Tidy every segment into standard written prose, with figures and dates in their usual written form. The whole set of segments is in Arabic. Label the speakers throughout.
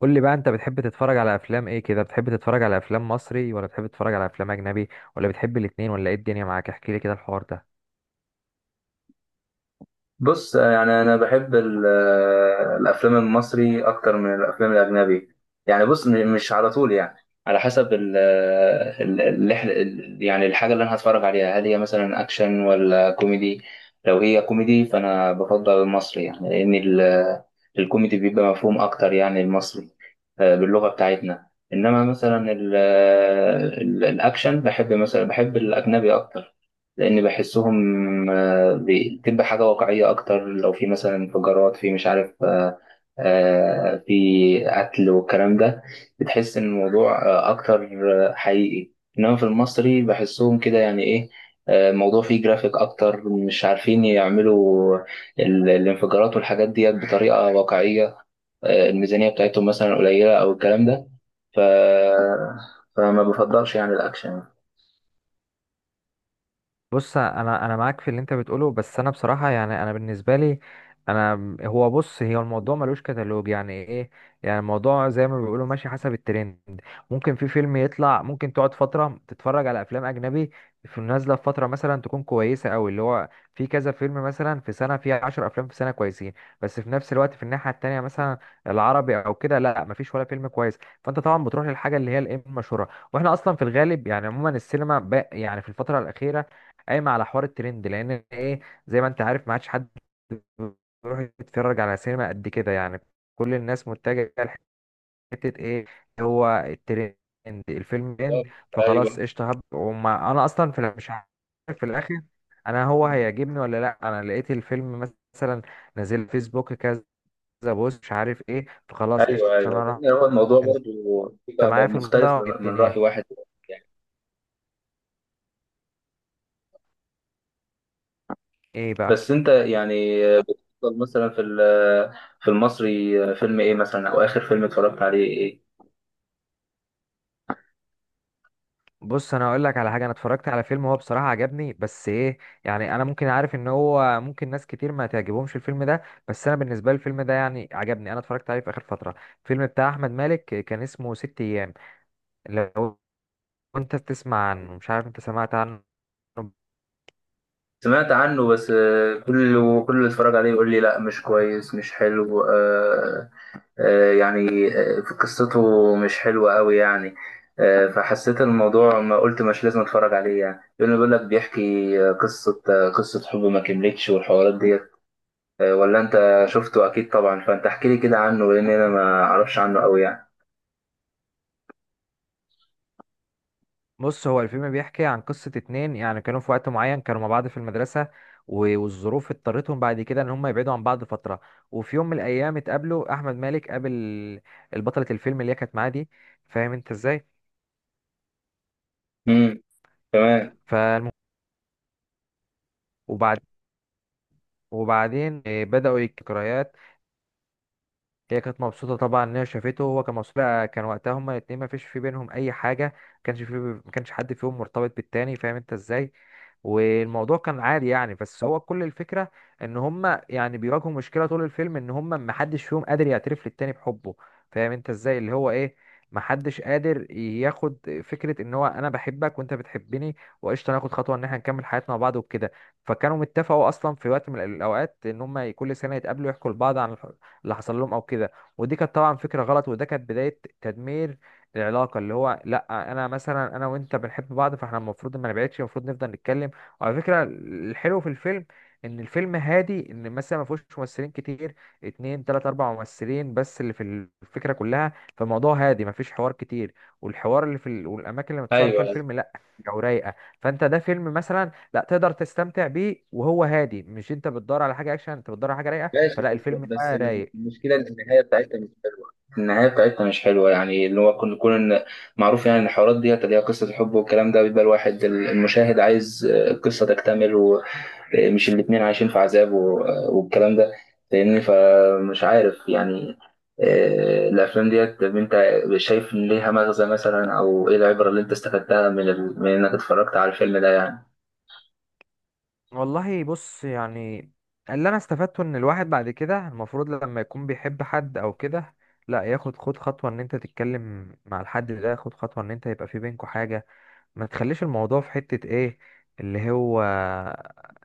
Speaker 1: قول لي بقى، انت بتحب تتفرج على افلام ايه كده؟ بتحب تتفرج على افلام مصري، ولا بتحب تتفرج على افلام اجنبي، ولا بتحب الاتنين، ولا ايه الدنيا معاك؟ احكي لي كده الحوار ده.
Speaker 2: بص يعني انا بحب الافلام المصري اكتر من الافلام الاجنبي. يعني بص، مش على طول يعني. على حسب ال آه، ال- اللي إحنا- ال- يعني الحاجه اللي انا هتفرج عليها، هل هي مثلا اكشن ولا كوميدي؟ لو هي كوميدي فانا بفضل المصري يعني، لان الكوميدي بيبقى مفهوم اكتر، يعني المصري باللغه بتاعتنا. انما مثلا الاكشن بحب مثلا، بحب الاجنبي اكتر، لان بحسهم دي تبقى حاجة واقعية أكتر. لو في مثلا انفجارات في مش عارف في قتل والكلام ده، بتحس إن الموضوع أكتر حقيقي. إنما في المصري بحسهم كده يعني إيه، الموضوع فيه جرافيك أكتر، مش عارفين يعملوا الانفجارات والحاجات دي بطريقة واقعية. الميزانية بتاعتهم مثلا قليلة أو الكلام ده. ف... فما بفضلش يعني الأكشن.
Speaker 1: بص، انا معاك في اللي انت بتقوله، بس انا بصراحه، يعني انا بالنسبه لي، انا هو بص، هي الموضوع ملوش كتالوج. يعني ايه؟ يعني الموضوع زي ما بيقولوا ماشي حسب الترند. ممكن في فيلم يطلع، ممكن تقعد فتره تتفرج على افلام اجنبي، في نازله في فتره مثلا تكون كويسه قوي، اللي هو في كذا فيلم، مثلا في سنه في 10 افلام في سنه كويسين. بس في نفس الوقت في الناحيه التانيه مثلا العربي او كده، لا، مفيش ولا فيلم كويس. فانت طبعا بتروح للحاجه اللي هي الايه المشهوره. واحنا اصلا في الغالب، يعني عموما، السينما يعني في الفتره الاخيره قايمه على حوار الترند، لان ايه؟ زي ما انت عارف، ما عادش حد بيروح يتفرج على سينما قد كده يعني. كل الناس متجهه لحته ايه؟ اللي هو الترند. الفيلم ترند
Speaker 2: بالظبط،
Speaker 1: فخلاص
Speaker 2: ايوه.
Speaker 1: قشطه، هب، وما انا اصلا في مش عارف في الاخر انا هو هيعجبني ولا لا. انا لقيت الفيلم مثلا نازل، فيسبوك كذا بوست، مش عارف ايه، فخلاص
Speaker 2: ايوه،
Speaker 1: قشطه
Speaker 2: ايوه
Speaker 1: انا
Speaker 2: لان
Speaker 1: راح.
Speaker 2: هو الموضوع
Speaker 1: انت
Speaker 2: برضو بيبقى
Speaker 1: معايا في
Speaker 2: مختلف
Speaker 1: الموضوع؟ إيه
Speaker 2: من من
Speaker 1: الدنيا؟
Speaker 2: راي واحد يعني.
Speaker 1: ايه بقى؟
Speaker 2: بس انت يعني بتفضل مثلا في في المصري فيلم ايه مثلا، او اخر فيلم اتفرجت عليه ايه؟
Speaker 1: بص، انا هقول لك على حاجه، انا اتفرجت على فيلم هو بصراحه عجبني، بس ايه، يعني انا ممكن عارف ان هو ممكن ناس كتير ما تعجبهمش الفيلم ده، بس انا بالنسبه لي الفيلم ده يعني عجبني. انا اتفرجت عليه في اخر فتره. الفيلم بتاع احمد مالك، كان اسمه ست ايام. لو انت تسمع عنه، مش عارف انت سمعت عنه؟
Speaker 2: سمعت عنه، بس كل كل اللي اتفرج عليه يقول لي لا مش كويس، مش حلو. يعني في قصته مش حلوه قوي يعني. فحسيت الموضوع ما قلت مش لازم اتفرج عليه يعني. يقول لك بيحكي قصه، قصه حب ما كملتش والحوارات دي. ولا انت شفته اكيد طبعا، فانت احكي لي كده عنه لان انا ما اعرفش عنه قوي يعني.
Speaker 1: بص، هو الفيلم بيحكي عن قصه اتنين، يعني كانوا في وقت معين كانوا مع بعض في المدرسه، والظروف اضطرتهم بعد كده ان هم يبعدوا عن بعض فتره. وفي يوم من الايام اتقابلوا، احمد مالك قابل البطله الفيلم اللي هي كانت معاه دي، فاهم انت ازاي؟
Speaker 2: امم، تمام.
Speaker 1: فالمهم، وبعد وبعدين بدأوا الذكريات. هي كانت مبسوطة طبعا إن هي شافته، وهو كان مبسوط بقى. كان وقتها هما الاتنين مفيش في بينهم أي حاجة، مكانش في مكانش حد فيهم مرتبط بالتاني، فاهم أنت إزاي؟ والموضوع كان عادي يعني، بس هو كل الفكرة إن هما يعني بيواجهوا مشكلة طول الفيلم، إن هما محدش فيهم قادر يعترف للتاني بحبه. فاهم أنت إزاي؟ اللي هو إيه، محدش قادر ياخد فكرة إن هو أنا بحبك وأنت بتحبني، وقشطة ناخد خطوة إن إحنا نكمل حياتنا مع بعض وكده. فكانوا متفقوا أصلا في وقت من الأوقات إن هما كل سنة يتقابلوا، يحكوا لبعض عن اللي حصل لهم او كده. ودي كانت طبعا فكره غلط، وده كانت بدايه تدمير العلاقه. اللي هو لا، انا مثلا انا وانت بنحب بعض، فاحنا المفروض ما نبعدش، المفروض نفضل نتكلم. وعلى فكره الحلو في الفيلم، ان الفيلم هادي، ان مثلا ما فيهوش ممثلين كتير، اتنين تلات اربع ممثلين بس اللي في الفكره كلها. فالموضوع هادي، ما فيش حوار كتير. والحوار اللي في والاماكن اللي متصور
Speaker 2: ايوه.
Speaker 1: فيها الفيلم، لا، جو رايقه. فانت ده فيلم مثلا لا تقدر تستمتع بيه وهو هادي، مش انت بتدور على حاجه اكشن، انت بتدور على حاجه رايقه،
Speaker 2: ماشي،
Speaker 1: فلا
Speaker 2: بس
Speaker 1: الفيلم
Speaker 2: بس
Speaker 1: بقى رايق.
Speaker 2: المشكله ان النهايه بتاعتها مش حلوه. النهايه بتاعتها مش حلوه يعني، اللي هو كنا نكون معروف يعني إن الحوارات ديت اللي هي قصه الحب والكلام ده، بيبقى الواحد المشاهد عايز القصه تكتمل، مش الاتنين عايشين في عذاب والكلام ده، فاهمني؟ فمش عارف يعني. الافلام ديت، طب انت شايف ان ليها مغزى مثلا، او ايه العبره اللي انت استفدتها من من انك اتفرجت على الفيلم ده يعني؟
Speaker 1: والله بص يعني، اللي انا استفدته ان الواحد بعد كده المفروض لما يكون بيحب حد او كده، لا، ياخد خطوة ان انت تتكلم مع الحد ده، خد خطوة ان انت يبقى في بينكوا حاجة. ما تخليش الموضوع في حتة ايه، اللي هو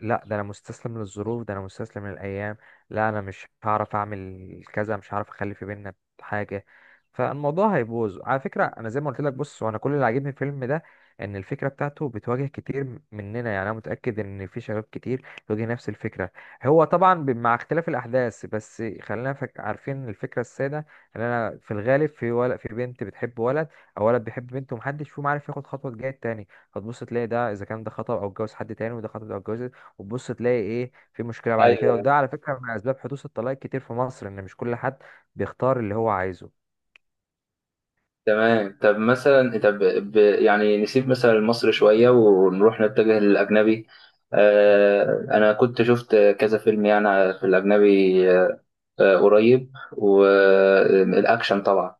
Speaker 1: لا ده انا مستسلم للظروف، ده انا مستسلم للايام، لا انا مش هعرف اعمل كذا، مش هعرف اخلي في بينا حاجة، فالموضوع هيبوظ. على فكرة انا زي ما قلت لك، بص، وانا كل اللي عاجبني في الفيلم ده ان الفكرة بتاعته بتواجه كتير مننا. يعني انا متأكد ان في شباب كتير بيواجه نفس الفكرة، هو طبعا مع اختلاف الاحداث، بس خلينا عارفين الفكرة السادة، ان انا في الغالب في ولا في بنت بتحب ولد، او ولد بيحب بنت، ومحدش فيهم عارف ياخد خطوه تجاه التاني. فتبص تلاقي ده اذا كان ده خطب او اتجوز حد تاني، وده خطب او اتجوز، وتبص تلاقي ايه؟ في مشكله بعد كده.
Speaker 2: ايوه،
Speaker 1: وده على فكره من اسباب حدوث الطلاق كتير في مصر، ان مش كل حد بيختار اللي هو عايزه.
Speaker 2: تمام. طب مثلا طب يعني نسيب مثلا مصر شويه ونروح نتجه للاجنبي. انا كنت شفت كذا فيلم يعني في الاجنبي قريب، والاكشن طبعا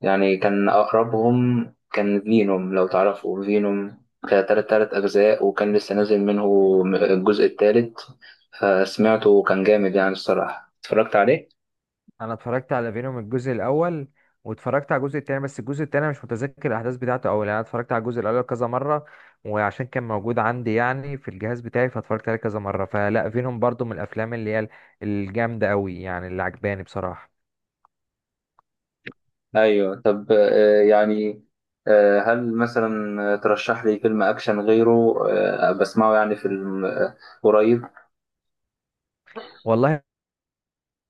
Speaker 2: يعني كان أقربهم. كان فينوم، لو تعرفوا فينوم. كان تلات أجزاء، وكان لسه نازل منه الجزء التالت. فسمعته وكان جامد يعني الصراحة. اتفرجت عليه؟
Speaker 1: انا اتفرجت على فينوم الجزء الاول، واتفرجت على الجزء التاني، بس الجزء التاني مش متذكر الاحداث بتاعته قوي، لان انا اتفرجت على الجزء الاول كذا مره، وعشان كان موجود عندي يعني في الجهاز بتاعي فاتفرجت عليه كذا مره. فلا، فينوم برضو من الافلام اللي هي الجامده قوي يعني، اللي عجباني بصراحه.
Speaker 2: أيوه. طب يعني هل مثلا ترشح لي فيلم أكشن غيره بسمعه يعني في قريب؟
Speaker 1: والله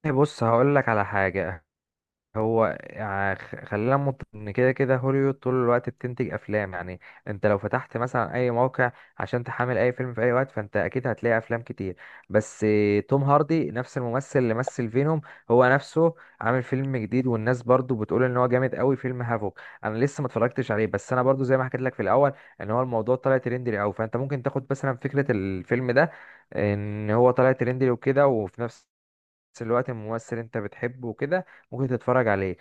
Speaker 1: طيب، بص هقول لك على حاجة، هو خلينا ان كده كده هوليوود طول الوقت بتنتج افلام يعني. انت لو فتحت مثلا اي موقع عشان تحمل اي فيلم في اي وقت، فانت اكيد هتلاقي افلام كتير. بس توم هاردي، نفس الممثل اللي مثل فينوم، هو نفسه عامل فيلم جديد والناس برضو بتقول ان هو جامد قوي، فيلم هافوك. انا لسه ما اتفرجتش عليه، بس انا برضو زي ما حكيت لك في الاول، ان هو الموضوع طلع ترندي قوي، فانت ممكن تاخد مثلا فكرة الفيلم ده ان هو طلع ترندي وكده، وفي نفس الوقت ممثل انت بتحبه وكده، ممكن تتفرج عليه.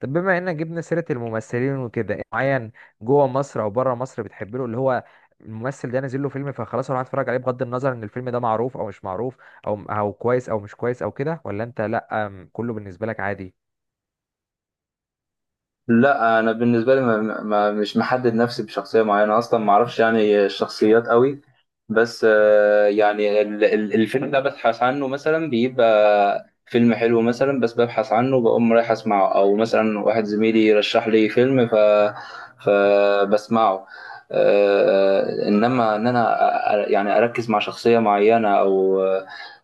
Speaker 1: طب بما انك جبنا سيرة الممثلين وكده، إيه معين جوه مصر او بره مصر بتحب له، اللي هو الممثل ده نازل له فيلم فخلاص اروح اتفرج عليه، بغض النظر ان الفيلم ده معروف او مش معروف، او كويس او مش كويس او كده، ولا انت لا، كله بالنسبة لك عادي؟
Speaker 2: لا انا بالنسبه لي ما مش محدد نفسي بشخصيه معينه، اصلا ما اعرفش يعني الشخصيات قوي. بس يعني الفيلم ده ببحث عنه مثلا، بيبقى فيلم حلو مثلا بس ببحث عنه بقوم رايح اسمعه، او مثلا واحد زميلي رشح لي فيلم فبسمعه. انما ان انا يعني اركز مع شخصيه معينه، او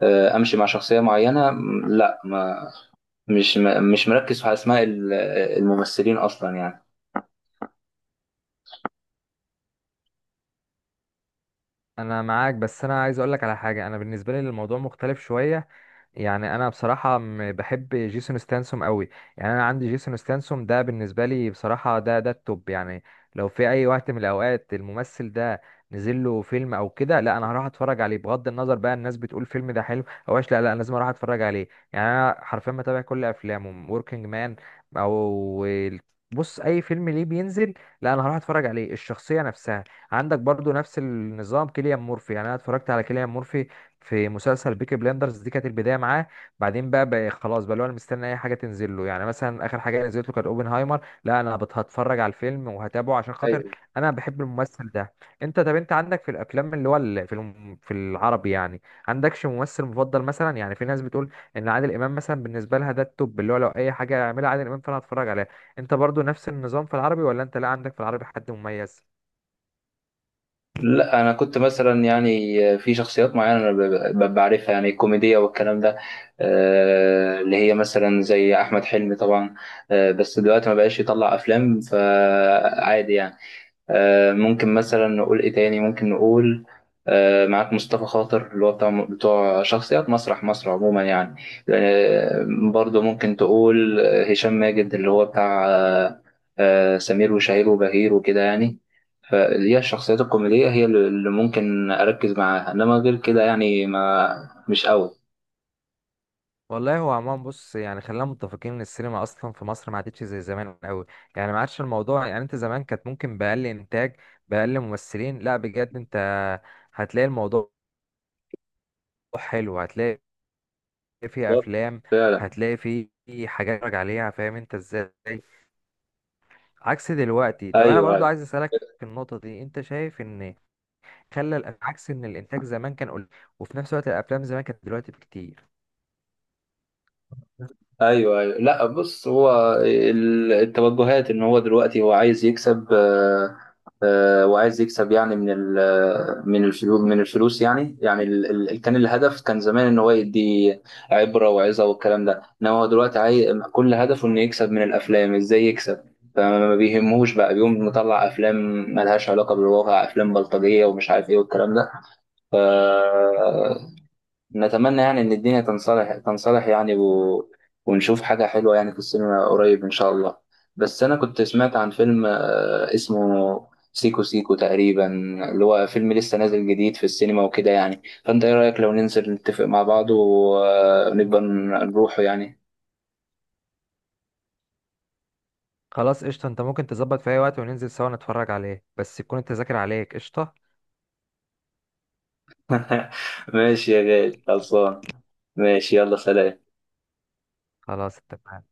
Speaker 2: امشي مع شخصيه معينه، لا. ما مش مش مركز في اسماء الممثلين اصلا يعني.
Speaker 1: انا معاك، بس انا عايز اقول لك على حاجة، انا بالنسبة لي الموضوع مختلف شوية. يعني انا بصراحه بحب جيسون ستانسوم قوي. يعني انا عندي جيسون ستانسوم ده بالنسبه لي بصراحه ده التوب يعني. لو في اي وقت من الاوقات الممثل ده نزل له فيلم او كده، لا انا هروح اتفرج عليه، بغض النظر بقى الناس بتقول فيلم ده حلو او وحش، لا لا، أنا لازم اروح اتفرج عليه. يعني انا حرفيا بتابع كل افلامه، وركينج مان، او بص اي فيلم ليه بينزل لا انا هروح اتفرج عليه. الشخصيه نفسها عندك برضو نفس النظام، كيليان مورفي. يعني انا اتفرجت على كيليان مورفي في مسلسل بيكي بلاندرز، دي كانت البدايه معاه. بعدين بقى, خلاص بقى اللي هو انا مستني اي حاجه تنزل له. يعني مثلا اخر حاجه نزلت له كانت اوبنهايمر، لا انا هتفرج على الفيلم وهتابعه عشان خاطر
Speaker 2: ايوه.
Speaker 1: انا بحب الممثل ده. انت طب انت عندك في الافلام اللي هو في في العربي يعني، عندكش ممثل مفضل مثلا؟ يعني في ناس بتقول ان عادل امام مثلا بالنسبه لها ده التوب، اللي هو لو اي حاجه يعملها عادل امام فانا هتفرج عليها. انت برضو نفس النظام في العربي، ولا انت لا عندك في العربي حد مميز؟
Speaker 2: لا انا كنت مثلا يعني في شخصيات معينه انا بعرفها يعني الكوميديه والكلام ده. اللي هي مثلا زي احمد حلمي طبعا. بس دلوقتي ما بقاش يطلع افلام، فعادي يعني. ممكن مثلا نقول ايه تاني، ممكن نقول معاك مصطفى خاطر اللي هو بتاع بتوع شخصيات مسرح مصر عموما يعني. آه، برضه ممكن تقول هشام ماجد اللي هو بتاع سمير وشهير وبهير وكده يعني. فهي الشخصيات الكوميدية هي اللي ممكن أركز معاها، إنما غير كده يعني ما مش أوي.
Speaker 1: والله هو عموما بص، يعني خلينا متفقين ان السينما اصلا في مصر ما عادتش زي زمان قوي. يعني ما عادش الموضوع، يعني انت زمان كانت ممكن باقل انتاج، باقل ممثلين، لا بجد انت هتلاقي الموضوع حلو، هتلاقي فيه
Speaker 2: بالظبط،
Speaker 1: افلام،
Speaker 2: فعلا.
Speaker 1: هتلاقي فيه حاجات تتفرج عليها، فاهم انت ازاي؟ عكس دلوقتي. طب انا برضو
Speaker 2: أيوه.
Speaker 1: عايز اسالك في النقطه دي، انت شايف ان خلى عكس ان الانتاج زمان كان قليل، وفي نفس الوقت الافلام زمان كانت دلوقتي بكتير.
Speaker 2: ايوه، ايوه لا بص هو التوجهات ان هو دلوقتي هو عايز يكسب. وعايز يكسب يعني من من الفلوس، من الفلوس يعني. يعني كان الهدف كان زمان ان هو يدي عبره وعظه والكلام ده، انما هو دلوقتي عايز كل هدفه انه يكسب من الافلام، ازاي يكسب. فما بيهمهوش بقى، بيقوم مطلع افلام ملهاش علاقه بالواقع، افلام بلطجيه ومش عارف ايه والكلام ده. ف نتمنى يعني إن الدنيا تنصلح، تنصلح يعني ونشوف حاجة حلوة يعني في السينما قريب إن شاء الله. بس أنا كنت سمعت عن فيلم اسمه سيكو سيكو تقريبا، اللي هو فيلم لسه نازل جديد في السينما وكده يعني. فأنت إيه رأيك لو ننزل نتفق مع بعض ونبقى نروحه يعني؟
Speaker 1: خلاص قشطة، انت ممكن تظبط في اي وقت وننزل سوا نتفرج عليه، بس تكون التذاكر عليك. قشطة،
Speaker 2: ماشي يا غالي، خلصان. ماشي، يلا سلام.
Speaker 1: خلاص اتفقنا.